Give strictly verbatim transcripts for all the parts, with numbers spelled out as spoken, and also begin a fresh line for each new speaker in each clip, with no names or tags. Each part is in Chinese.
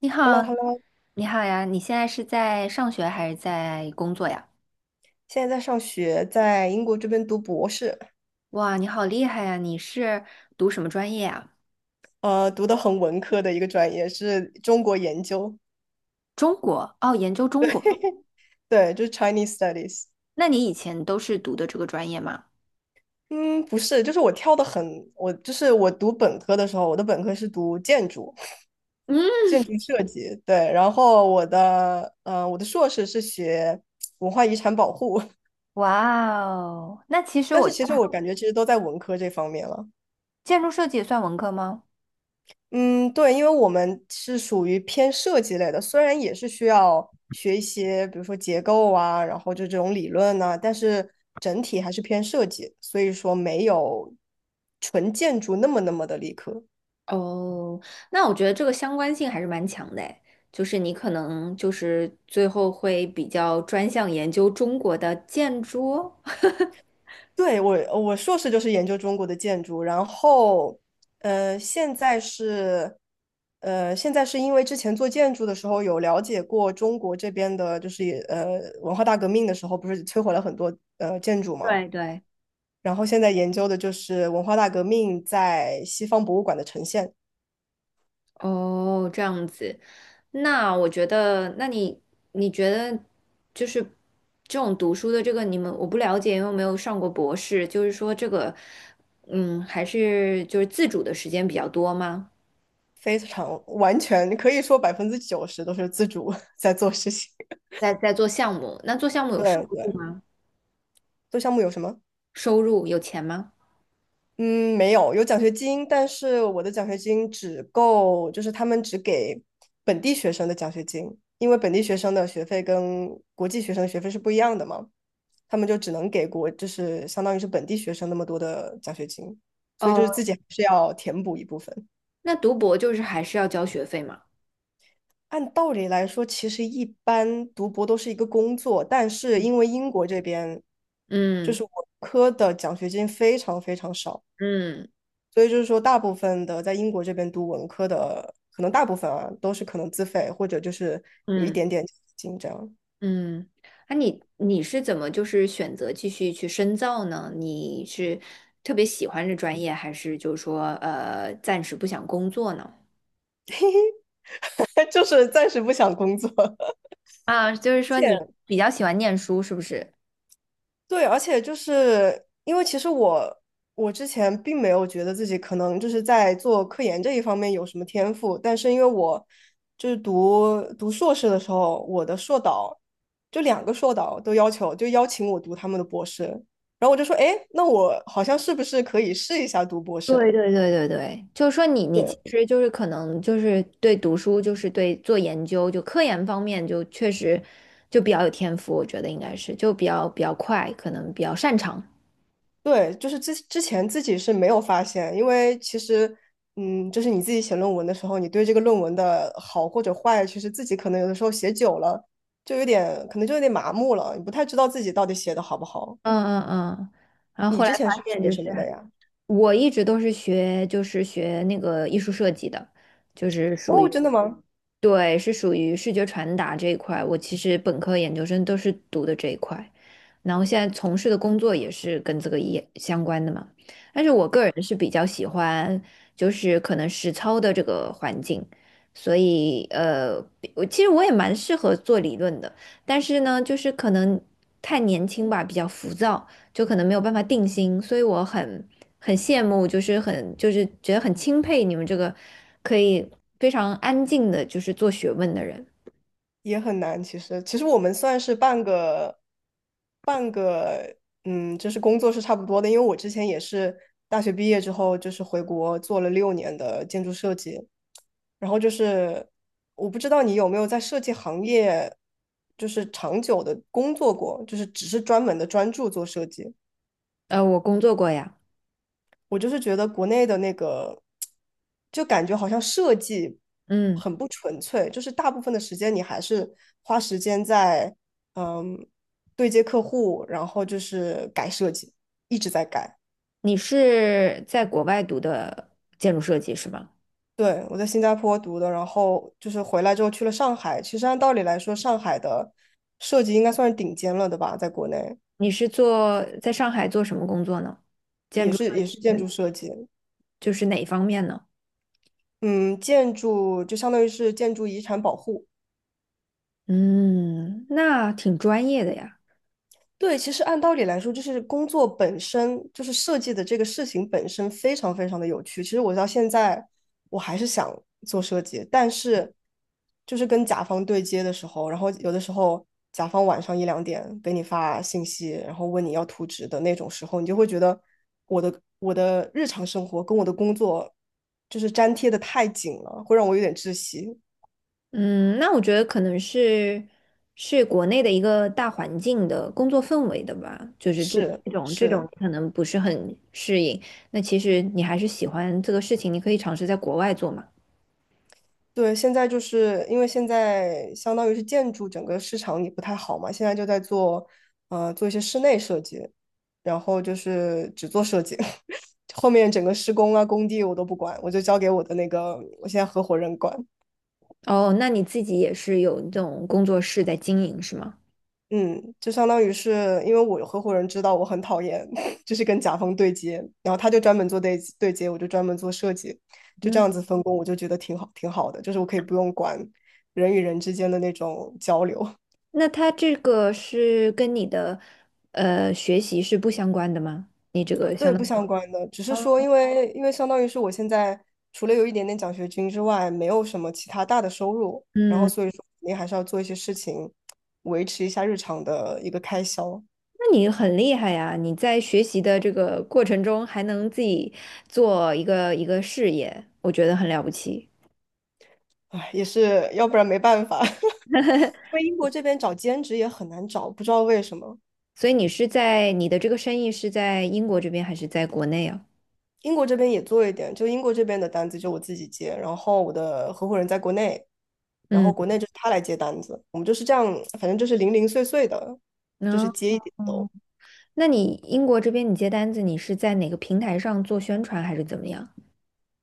你
h e l l o h
好，
e l l o
你好呀！你现在是在上学还是在工作呀？
现在在上学，在英国这边读博士。
哇，你好厉害呀！你是读什么专业啊？
呃，读的很文科的一个专业是中国研究。
中国，哦，研究中国。
对，就是 Chinese Studies。
那你以前都是读的这个专业吗？
嗯，不是，就是我跳的很，我就是我读本科的时候，我的本科是读建筑。
嗯，
建筑设计，对，然后我的，呃，我的硕士是学文化遗产保护。
哇哦，那其 实
但
我
是
觉
其实
得
我感觉其实都在文科这方面了。
建筑设计也算文科吗？
嗯，对，因为我们是属于偏设计类的，虽然也是需要学一些，比如说结构啊，然后就这种理论呐、但是整体还是偏设计，所以说没有纯建筑那么那么的理科。
哦，那我觉得这个相关性还是蛮强的诶，就是你可能就是最后会比较专项研究中国的建筑。
对，我，我硕士就是研究中国的建筑，然后，呃，现在是，呃，现在是因为之前做建筑的时候有了解过中国这边的，就是也呃文化大革命的时候，不是摧毁了很多呃建筑嘛。
对对。
然后现在研究的就是文化大革命在西方博物馆的呈现。
哦，这样子，那我觉得，那你你觉得就是这种读书的这个，你们我不了解，因为没有上过博士，就是说这个，嗯，还是就是自主的时间比较多吗？
非常完全可以说百分之九十都是自主 在做事情。
在在做项目，那做项目有收
对对，做项目有什么？
收入有钱吗？
嗯，没有，有奖学金，但是我的奖学金只够，就是他们只给本地学生的奖学金。因为本地学生的学费跟国际学生的学费是不一样的嘛，他们就只能给国，就是相当于是本地学生那么多的奖学金，所以就是
哦，
自己还是要填补一部分。
那读博就是还是要交学费吗？
按道理来说，其实一般读博都是一个工作，但是因为英国这边就
嗯
是文科的奖学金非常非常少，
嗯嗯
所以就是说，大部分的在英国这边读文科的，可能大部分啊都是可能自费或者就是有一
嗯。
点点紧张，金这样。
嗯，那、你你是怎么就是选择继续去深造呢？你是特别喜欢这专业，还是就是说呃暂时不想工作呢？
就是暂时不想工作。
啊，就是说你比较喜欢念书，是不是？
对，而且就是因为其实我我之前并没有觉得自己可能就是在做科研这一方面有什么天赋，但是因为我就是读读硕士的时候，我的硕导就两个硕导都要求就邀请我读他们的博士。然后我就说，哎，那我好像是不是可以试一下读博
对
士？
对对对对，就是说你你其
对。
实就是可能就是对读书，就是对做研究，就科研方面就确实就比较有天赋，我觉得应该是就比较比较快，可能比较擅长。
对，就是之之前自己是没有发现。因为其实，嗯，就是你自己写论文的时候，你对这个论文的好或者坏，其实自己可能有的时候写久了，就有点可能就有点麻木了，你不太知道自己到底写的好不好。
嗯嗯嗯，然后
你
后来
之前
发
是
现就
学
是。
什么的呀？
我一直都是学，就是学那个艺术设计的，就是属
哦，
于，
真的吗？
对，是属于视觉传达这一块。我其实本科、研究生都是读的这一块，然后现在从事的工作也是跟这个也相关的嘛。但是我个人是比较喜欢，就是可能实操的这个环境，所以呃，我其实我也蛮适合做理论的，但是呢，就是可能太年轻吧，比较浮躁。就可能没有办法定心，所以我很很羡慕，就是很就是觉得很钦佩你们这个可以非常安静的，就是做学问的人。
也很难。其实，其实我们算是半个半个，嗯，就是工作是差不多的。因为我之前也是大学毕业之后，就是回国做了六年的建筑设计。然后就是，我不知道你有没有在设计行业，就是长久的工作过，就是只是专门的专注做设计。
呃，我工作过呀，
我就是觉得国内的那个，就感觉好像设计
嗯，
很不纯粹，就是大部分的时间你还是花时间在嗯对接客户，然后就是改设计，一直在改。
你是在国外读的建筑设计是吗？
对，我在新加坡读的，然后就是回来之后去了上海。其实按道理来说，上海的设计应该算是顶尖了的吧，在国内
你是做在上海做什么工作呢？
也是也是建筑设计。
就是哪一方面呢？
嗯，建筑就相当于是建筑遗产保护。
嗯，那挺专业的呀。
对，其实按道理来说，就是工作本身，就是设计的这个事情本身非常非常的有趣。其实我到现在，我还是想做设计，但是就是跟甲方对接的时候，然后有的时候甲方晚上一两点给你发信息，然后问你要图纸的那种时候，你就会觉得我的我的日常生活跟我的工作就是粘贴的太紧了，会让我有点窒息。
嗯，那我觉得可能是是国内的一个大环境的工作氛围的吧，就是这
是
这种这
是。
种可能不是很适应。那其实你还是喜欢这个事情，你可以尝试在国外做嘛。
对，现在就是因为现在相当于是建筑整个市场也不太好嘛，现在就在做，呃，做一些室内设计，然后就是只做设计。后面整个施工啊、工地我都不管，我就交给我的那个我现在合伙人管。
哦，那你自己也是有这种工作室在经营是吗？
嗯，就相当于是因为我合伙人知道我很讨厌，就是跟甲方对接，然后他就专门做对对接，我就专门做设计，就这
嗯，
样子分工，我就觉得挺好，挺好的，就是我可以不用管人与人之间的那种交流。
那它这个是跟你的呃学习是不相关的吗？你这个相
对，
当
不
于，
相关的，只是说，因为因为相当于是我现在除了有一点点奖学金之外，没有什么其他大的收入，然后
嗯。
所以说肯定还是要做一些事情，维持一下日常的一个开销。
那你很厉害呀！你在学习的这个过程中还能自己做一个一个事业，我觉得很了不起。
唉，也是要不然没办法。因为英国这边找兼职也很难找，不知道为什么。
所以你是在你的这个生意是在英国这边还是在国内啊？
英国这边也做一点，就英国这边的单子就我自己接，然后我的合伙人在国内，然后
嗯，
国内就是他来接单子，我们就是这样，反正就是零零碎碎的，就
那
是接一点。
哦，那你英国这边你接单子，你是在哪个平台上做宣传还是怎么样？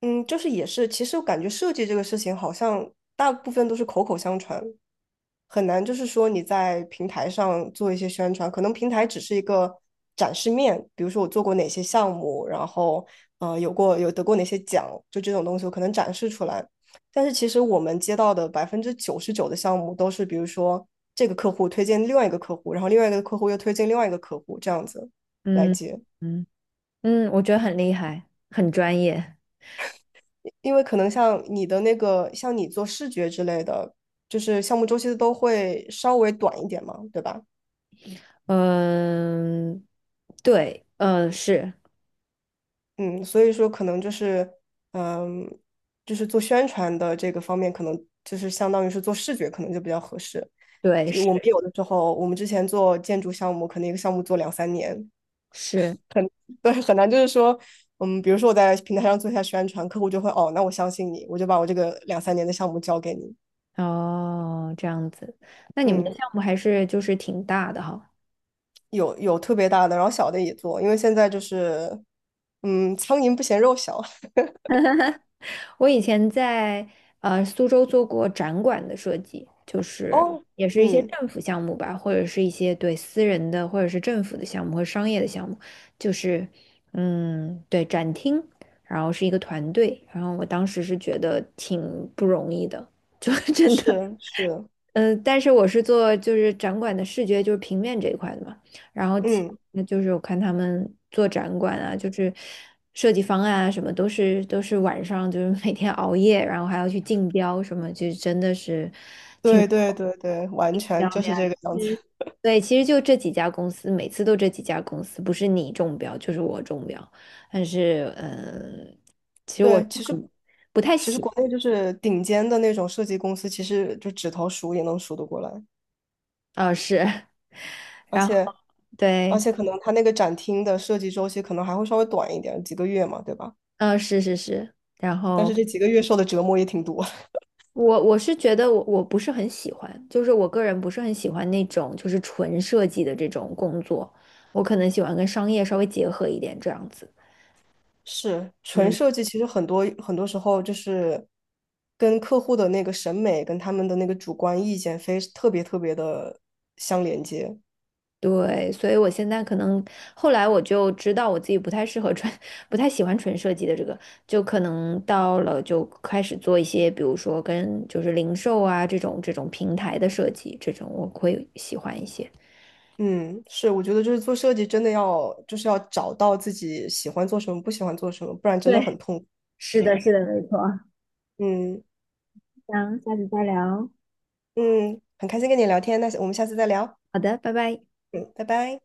嗯，就是也是，其实我感觉设计这个事情好像大部分都是口口相传，很难就是说你在平台上做一些宣传，可能平台只是一个展示面，比如说我做过哪些项目，然后呃有过有得过哪些奖，就这种东西我可能展示出来。但是其实我们接到的百分之九十九的项目都是，比如说这个客户推荐另外一个客户，然后另外一个客户又推荐另外一个客户，这样子来
嗯
接。
嗯嗯，我觉得很厉害，很专业。
因为可能像你的那个，像你做视觉之类的，就是项目周期都会稍微短一点嘛，对吧？
嗯，对，呃，是，
嗯，所以说可能就是，嗯，就是做宣传的这个方面，可能就是相当于是做视觉，可能就比较合适。
对，
其实我们
是
有的时候，我们之前做建筑项目，可能一个项目做两三年。
是。
对，很难就是说，嗯，比如说我在平台上做一下宣传，客户就会哦，那我相信你，我就把我这个两三年的项目交给你。
哦，这样子，那你们的
嗯。
项目还是就是挺大的哈。
有有特别大的，然后小的也做，因为现在就是，嗯，苍蝇不嫌肉小。
我以前在呃苏州做过展馆的设计，就 是
哦，
也是一些
嗯，
政府项目吧，或者是一些对私人的或者是政府的项目和商业的项目，就是嗯对展厅，然后是一个团队，然后我当时是觉得挺不容易的，就 真的。
是是，
嗯，呃但是我是做就是展馆的视觉，就是平面这一块的嘛。然后其
嗯，
那就是我看他们做展馆啊，就是设计方案啊，什么都是都是晚上就是每天熬夜，然后还要去竞标什么，就真的是挺无
对对对对，完
聊
全就
的呀。
是这个
其
样子。
实，对，其实就这几家公司，每次都这几家公司，不是你中标就是我中标。但是，嗯，其实我
对，其实
嗯不太
其实
喜，
国内就是顶尖的那种设计公司，其实就指头数也能数得过来，
啊，是，
而
然后
且而
对，
且可能他那个展厅的设计周期可能还会稍微短一点，几个月嘛，对吧？
嗯，是是是。然
但
后
是这几个月受的折磨也挺多。
我我是觉得我我不是很喜欢，就是我个人不是很喜欢那种就是纯设计的这种工作，我可能喜欢跟商业稍微结合一点这样子。
是纯
嗯，
设计，其实很多很多时候就是跟客户的那个审美跟他们的那个主观意见非特别特别的相连接。
对，所以我现在可能后来我就知道我自己不太适合纯，不太喜欢纯设计的这个，就可能到了就开始做一些，比如说跟就是零售啊这种这种平台的设计，这种我会喜欢一些。
嗯，是，我觉得就是做设计真的要就是要找到自己喜欢做什么，不喜欢做什么，不然真
对，
的很痛苦。
是的，是的，没错。
嗯
那下次再聊。
嗯，很开心跟你聊天，那我们下次再聊。
好的，拜拜。
嗯，拜拜。